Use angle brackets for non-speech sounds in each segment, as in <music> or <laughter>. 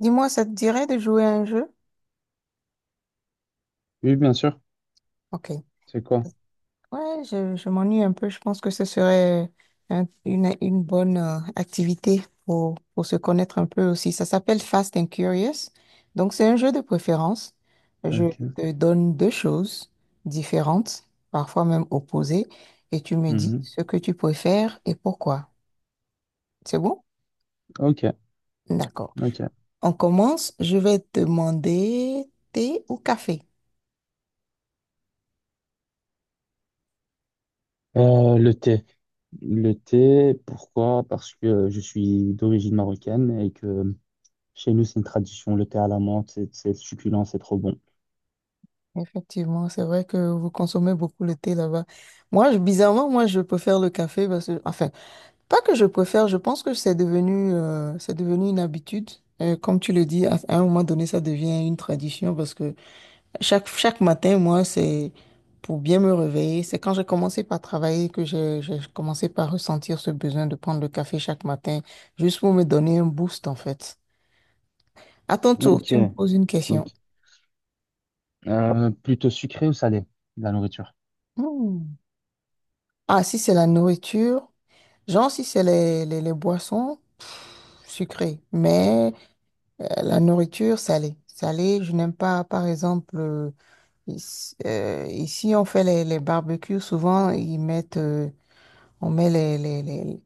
Dis-moi, ça te dirait de jouer à un jeu? Oui, bien sûr. Ok. C'est quoi? Ouais, je m'ennuie un peu. Je pense que ce serait une bonne activité pour se connaître un peu aussi. Ça s'appelle Fast and Curious. Donc, c'est un jeu de préférence. Je Ok. te donne deux choses différentes, parfois même opposées, et tu me dis Mhm. ce que tu préfères et pourquoi. C'est bon? Ok. D'accord. Ok. On commence. Je vais te demander thé ou café. Le thé. Le thé, pourquoi? Parce que je suis d'origine marocaine et que chez nous, c'est une tradition. Le thé à la menthe, c'est succulent, c'est trop bon. Effectivement, c'est vrai que vous consommez beaucoup le thé là-bas. Moi, bizarrement, moi, je préfère le café parce que, enfin, pas que je préfère, je pense que c'est devenu une habitude. Comme tu le dis, à un moment donné, ça devient une tradition parce que chaque matin, moi, c'est pour bien me réveiller. C'est quand j'ai commencé par travailler que j'ai commencé par ressentir ce besoin de prendre le café chaque matin, juste pour me donner un boost, en fait. À ton tour, Ok. tu me poses une question. Ok. Plutôt sucré ou salé, la nourriture? Hmm. Ah, si c'est la nourriture. Genre, si c'est les boissons sucrées, mais la nourriture salée. Salée, je n'aime pas, par exemple, ici, ici, on fait les barbecues, souvent ils mettent, on met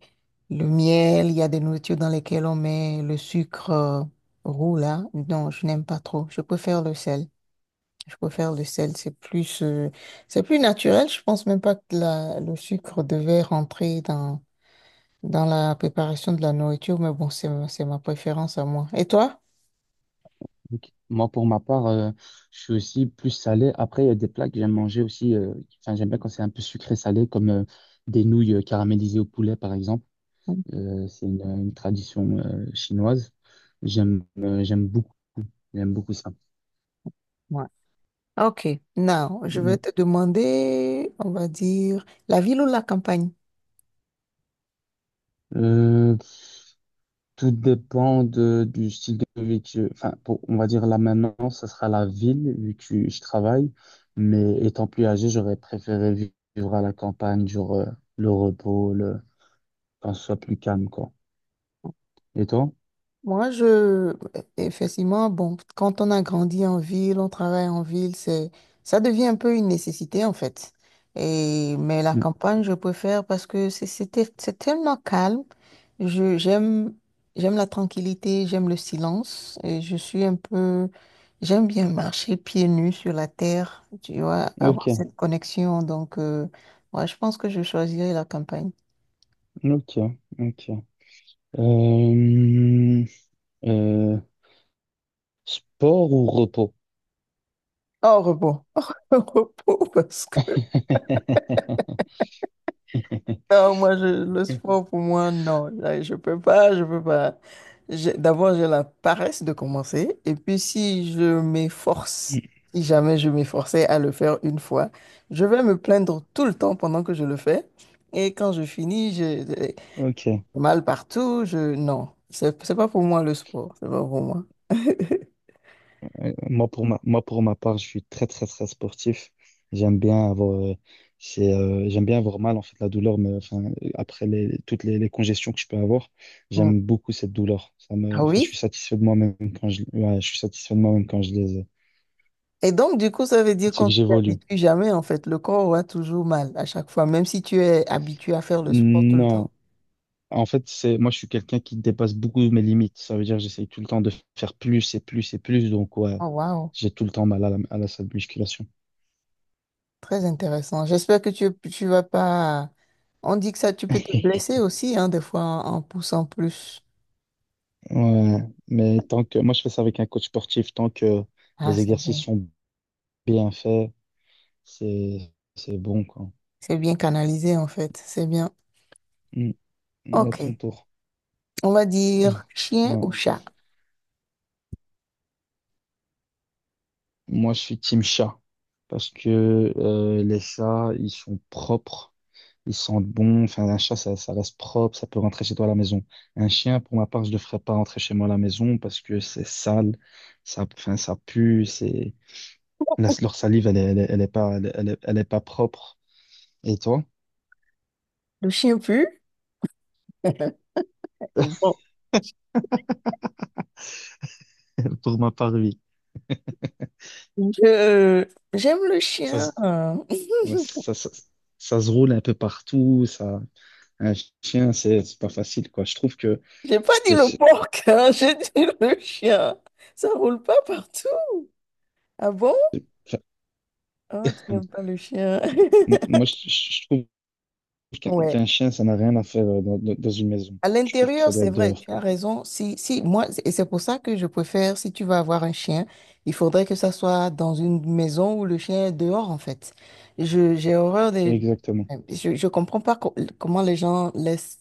le miel, il y a des nourritures dans lesquelles on met le sucre roux, là. Non, je n'aime pas trop. Je préfère le sel. Je préfère le sel, c'est plus naturel. Je pense même pas que le sucre devait rentrer dans dans la préparation de la nourriture, mais bon, c'est ma préférence à moi. Et toi? Ok. Moi, pour ma part, je suis aussi plus salé. Après, il y a des plats que j'aime manger aussi. Enfin, j'aime bien quand c'est un peu sucré-salé, comme des nouilles caramélisées au poulet, par exemple. Mm. C'est une tradition chinoise. J'aime euh, j'aime beaucoup, j'aime beaucoup ça. Ouais. Ok. Now, je Mm. vais te demander, on va dire, la ville ou la campagne? Euh, tout dépend de, du style de vie que, enfin, on va dire là maintenant, ça sera la ville vu que je travaille. Mais étant plus âgé, j'aurais préféré vivre à la campagne, le repos, le, quand ce soit plus calme, quoi. Et toi? Moi, je, effectivement, bon, quand on a grandi en ville, on travaille en ville, c'est, ça devient un peu une nécessité, en fait. Et, mais la Mm. campagne, je préfère parce que c'est tellement calme. J'aime, j'aime la tranquillité, j'aime le silence. Et je suis un peu, j'aime bien marcher pieds nus sur la terre, tu vois, avoir Ok, cette connexion. Donc, ouais, je pense que je choisirais la campagne. ok, ok. Euh, euh, sport ou repos? Au repos. <laughs> Au repos, parce que. <laughs> Non, moi, je, le sport, pour moi, non. Là, je peux pas, je peux pas. D'abord, j'ai la paresse de commencer. Et puis, si je m'efforce, si jamais je m'efforçais à le faire une fois, je vais me plaindre tout le temps pendant que je le fais. Et quand je finis, j'ai Ok. Mal partout. Je... Non, c'est pas pour moi le sport. C'est pas pour moi. Moi pour ma part, je suis très très très sportif. J'aime bien avoir, euh, j'aime bien avoir mal en fait la douleur, mais après les, toutes les congestions que je peux avoir, Mm. j'aime beaucoup cette douleur. Ça me, Ah enfin je oui? suis satisfait de moi-même quand je, ouais, je suis satisfait de moi-même quand je les, ai. Et donc, du coup, ça veut dire C'est qu'on que ne s'y j'évolue. habitue jamais, en fait. Le corps aura toujours mal à chaque fois, même si tu es habitué à faire le sport tout le temps. Non, en fait c'est, moi je suis quelqu'un qui dépasse beaucoup mes limites. Ça veut dire que j'essaye tout le temps de faire plus et plus et plus. Donc ouais, Oh, waouh. j'ai tout le temps mal à la salle de musculation. Très intéressant. J'espère que tu vas pas. On dit que ça, tu peux te <laughs> blesser aussi, hein, des fois en poussant plus. Ouais, mais tant que moi je fais ça avec un coach sportif, tant que Ah, les c'est exercices bien. sont bien faits, c'est bon quoi. C'est bien canalisé, en fait. C'est bien. Mm, mm, à ton OK. tour. On va <laughs> dire chien Mm. Ouais. ou chat. Moi je suis team chat parce que les chats ils sont propres, ils sentent bon. Enfin un chat ça, ça reste propre, ça peut rentrer chez toi à la maison. Un chien pour ma part je le ferais pas rentrer chez moi à la maison parce que c'est sale, ça enfin ça pue, c'est leur salive elle est, elle est, elle est pas elle est elle est elle est pas propre. Et toi? Le chien pue. <laughs> Bon. <laughs> Pour ma part, oui. Je, j'aime le Ça, se- chien. <laughs> ouais, ça se roule un peu partout. Ça, un chien, c'est pas facile, quoi. Je trouve J'ai pas dit que le c'est- porc, hein, <laughs> j'ai dit le chien. Ça roule pas partout. Ah bon? enfin, Ah, tu n'aimes pas le chien. moi, moi, <laughs> je trouve qu'un Ouais. qu'un chien, ça n'a rien à faire dans une maison. À Je trouve que ça l'intérieur, doit c'est être vrai, dehors, tu as quoi. raison. Si, si, moi, et c'est pour ça que je préfère, si tu vas avoir un chien, il faudrait que ça soit dans une maison où le chien est dehors, en fait. J'ai horreur C'est des, exactement. Je comprends pas comment les gens laissent,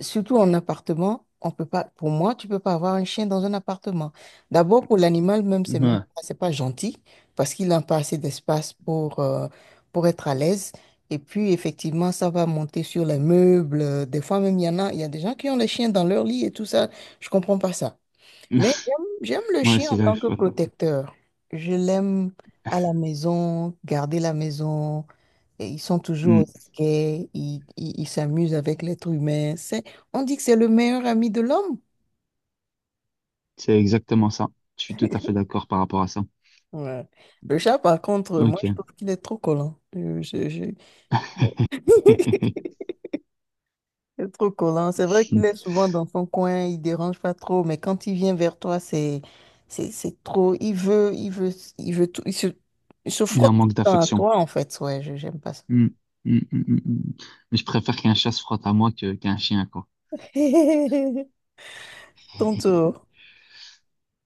surtout en appartement, on peut pas, pour moi, tu peux pas avoir un chien dans un appartement. D'abord, pour l'animal même, c'est même Ouais. pas, c'est pas gentil parce qu'il n'a pas assez d'espace pour être à l'aise. Et puis, effectivement, ça va monter sur les meubles. Des fois, même, il y en a, il y a des gens qui ont les chiens dans leur lit et tout ça. Je comprends pas ça. Mais j'aime <laughs> le Ouais, chien c'est en tant j'arrive que pas à comprendre. protecteur. Je l'aime à la maison, garder la maison. Et ils sont toujours au Hmm. taquet, ils s'amusent avec l'être humain. C'est, on dit que c'est le meilleur ami de l'homme. C'est exactement ça. Je suis tout à fait d'accord par rapport à ça. Ouais. Le chat, par contre, moi, je Ok. trouve qu'il est trop collant. <laughs> <laughs> C'est trop collant. C'est vrai qu'il est souvent dans son coin, il dérange pas trop, mais quand il vient vers toi, c'est trop. Il veut tout. Il se Il frotte en tout manque le temps à d'affection. toi, en fait. Ouais, je j'aime pas ça. Mm, mm, mm, mm, mm. Mais je préfère qu'un chat se frotte à moi que qu'un chien, quoi. <laughs> Ton <laughs> tour.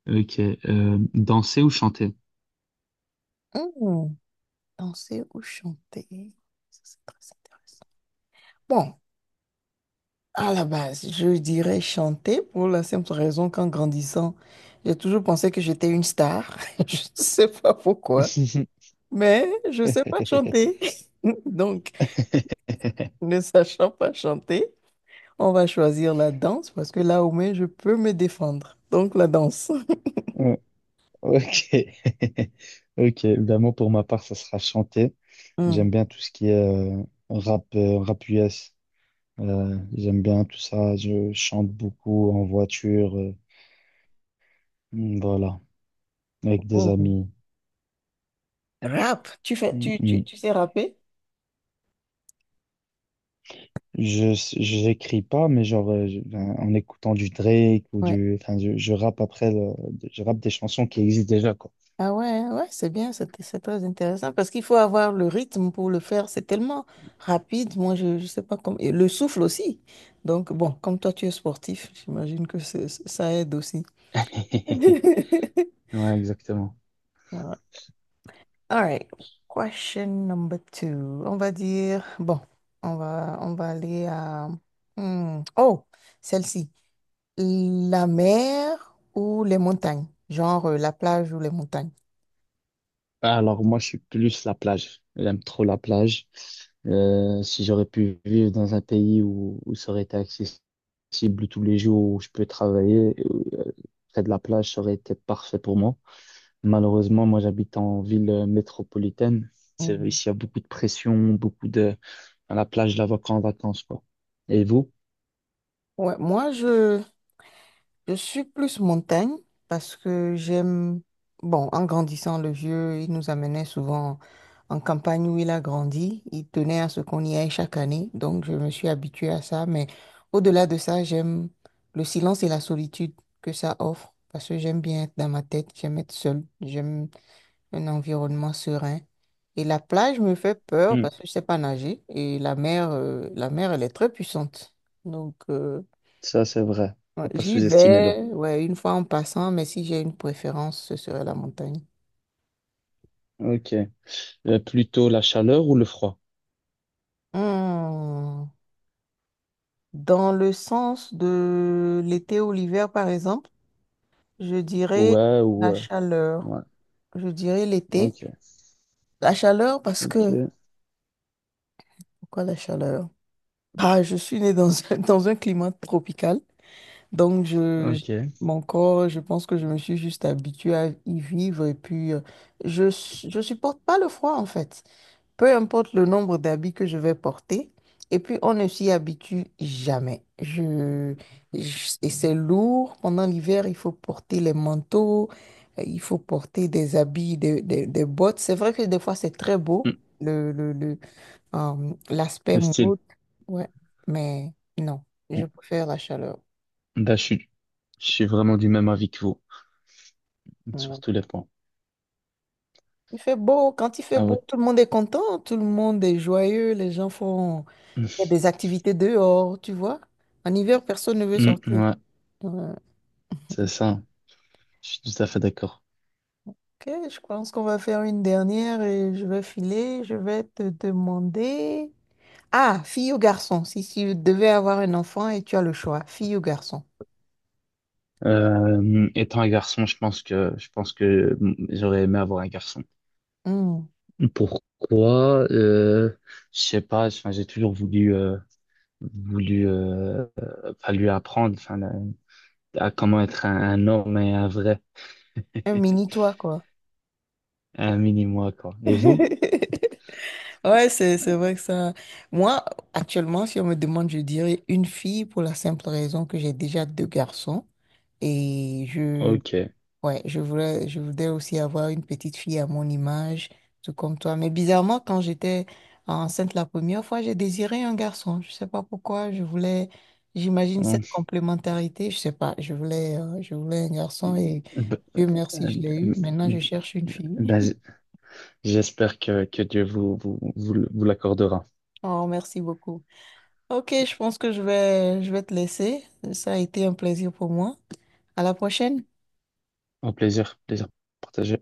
Ok. Danser ou chanter? Hmm, danser ou chanter? Ça, c'est très intéressant. Bon, à la base, je dirais chanter pour la simple raison qu'en grandissant, j'ai toujours pensé que j'étais une star. <laughs> Je ne sais pas pourquoi, mais je ne sais pas <laughs> chanter. <laughs> Donc, ne sachant pas chanter, on va choisir la danse parce que là au moins je peux me défendre. Donc la danse. Ouais, Ok. <laughs> Ok. Ben moi, pour ma part, ça sera chanter. J'aime Hmm. bien tout ce qui est rap, rap US. J'aime bien tout ça. Je chante beaucoup en voiture. Voilà. Avec des Mm. amis. Rap, tu fais, Mm, tu, tu, mm. tu sais rapper? Je j'écris pas, mais ben, en écoutant du Drake ou Ouais. du, enfin je rappe après, je rappe des chansons qui existent déjà quoi. Ah ouais, hein, ouais, c'est bien, c'est très intéressant parce qu'il faut avoir le rythme pour le faire. C'est tellement rapide, je sais pas comment. Et le souffle aussi. Donc bon, comme toi tu es sportif, j'imagine que ça aide aussi. <laughs> <laughs> Ouais, exactement. Ouais. All right. Question number two. On va dire, bon, on va aller à... Hmm, oh, celle-ci. La mer ou les montagnes? Genre la plage ou les montagnes? Alors moi je suis plus la plage. J'aime trop la plage. Si j'aurais pu vivre dans un pays où, où ça aurait été accessible tous les jours, où je peux travailler, euh, près de la plage, ça aurait été parfait pour moi. Malheureusement, moi j'habite en ville métropolitaine. C'est, Mm. ici il y a beaucoup de pression, beaucoup de. À la plage, je la vois qu'en vacances, quoi. Et vous? Ouais, moi, je suis plus montagne parce que j'aime, bon, en grandissant, le vieux, il nous amenait souvent en campagne où il a grandi. Il tenait à ce qu'on y aille chaque année. Donc, je me suis habituée à ça. Mais au-delà de ça, j'aime le silence et la solitude que ça offre parce que j'aime bien être dans ma tête, j'aime être seule, j'aime un environnement serein. Et la plage me fait peur Hmm. parce que je sais pas nager et la mer, elle est très puissante. Donc, Ça, c'est vrai. ouais, Faut pas j'y sous-estimer l'eau. vais, ouais, une fois en passant, mais si j'ai une préférence, ce serait la montagne. Ok. Plutôt la chaleur ou le froid? Hmm, dans le sens de l'été ou l'hiver, par exemple, je dirais Ouais, ou... la euh, chaleur. Ouais. Je dirais l'été. Ok. La chaleur parce que... Ok. Pourquoi la chaleur? Ah, je suis née dans un, <laughs> dans un climat tropical. Donc, Ok. mon corps, je pense que je me suis juste habituée à y vivre. Et puis, je supporte pas le froid, en fait. Peu importe le nombre d'habits que je vais porter. Et puis, on ne s'y habitue jamais. Et c'est lourd. Pendant l'hiver, il faut porter les manteaux, il faut porter des habits, des bottes. C'est vrai que des fois, c'est très beau, Hmm. le, le, le, l'aspect Le style. mode. Ouais. Mais non, Hmm. je préfère la chaleur. Bah, je suis vraiment du même avis que vous. Sur Ouais. tous les points. Il fait beau. Quand il fait Ah ouais. beau, tout le monde est content, tout le monde est joyeux, les gens font... Hmm, Il y a des activités dehors, tu vois. En hiver, personne ne veut hmm. sortir. Ouais, Ouais. c'est ça. Je suis tout à fait d'accord. Ok, je pense qu'on va faire une dernière et je vais filer. Je vais te demander. Ah, fille ou garçon, si tu devais avoir un enfant et tu as le choix, fille ou garçon. Étant un garçon, je pense que j'aurais aimé avoir un garçon. Hmm, Pourquoi? Je sais pas. Enfin, j'ai toujours voulu. Enfin, lui apprendre enfin, à comment être un homme et un vrai, un mini-toi, quoi. un mini-moi, quoi. Et vous? <laughs> Ouais, c'est vrai que ça. Moi, actuellement, si on me demande, je dirais une fille pour la simple raison que j'ai déjà deux garçons. Et je Ok. ouais, je voudrais aussi avoir une petite fille à mon image, tout comme toi. Mais bizarrement, quand j'étais enceinte la première fois, j'ai désiré un garçon. Je sais pas pourquoi. Je voulais, j'imagine Hum. cette complémentarité. Je sais pas. Je voulais un garçon et B- Dieu merci, je l'ai euh, eu. Maintenant, je cherche une fille. ben, <laughs> j'espère que Dieu vous l'accordera. Oh, merci beaucoup. Ok, je pense que je vais te laisser. Ça a été un plaisir pour moi. À la prochaine. Au plaisir, plaisir partagé.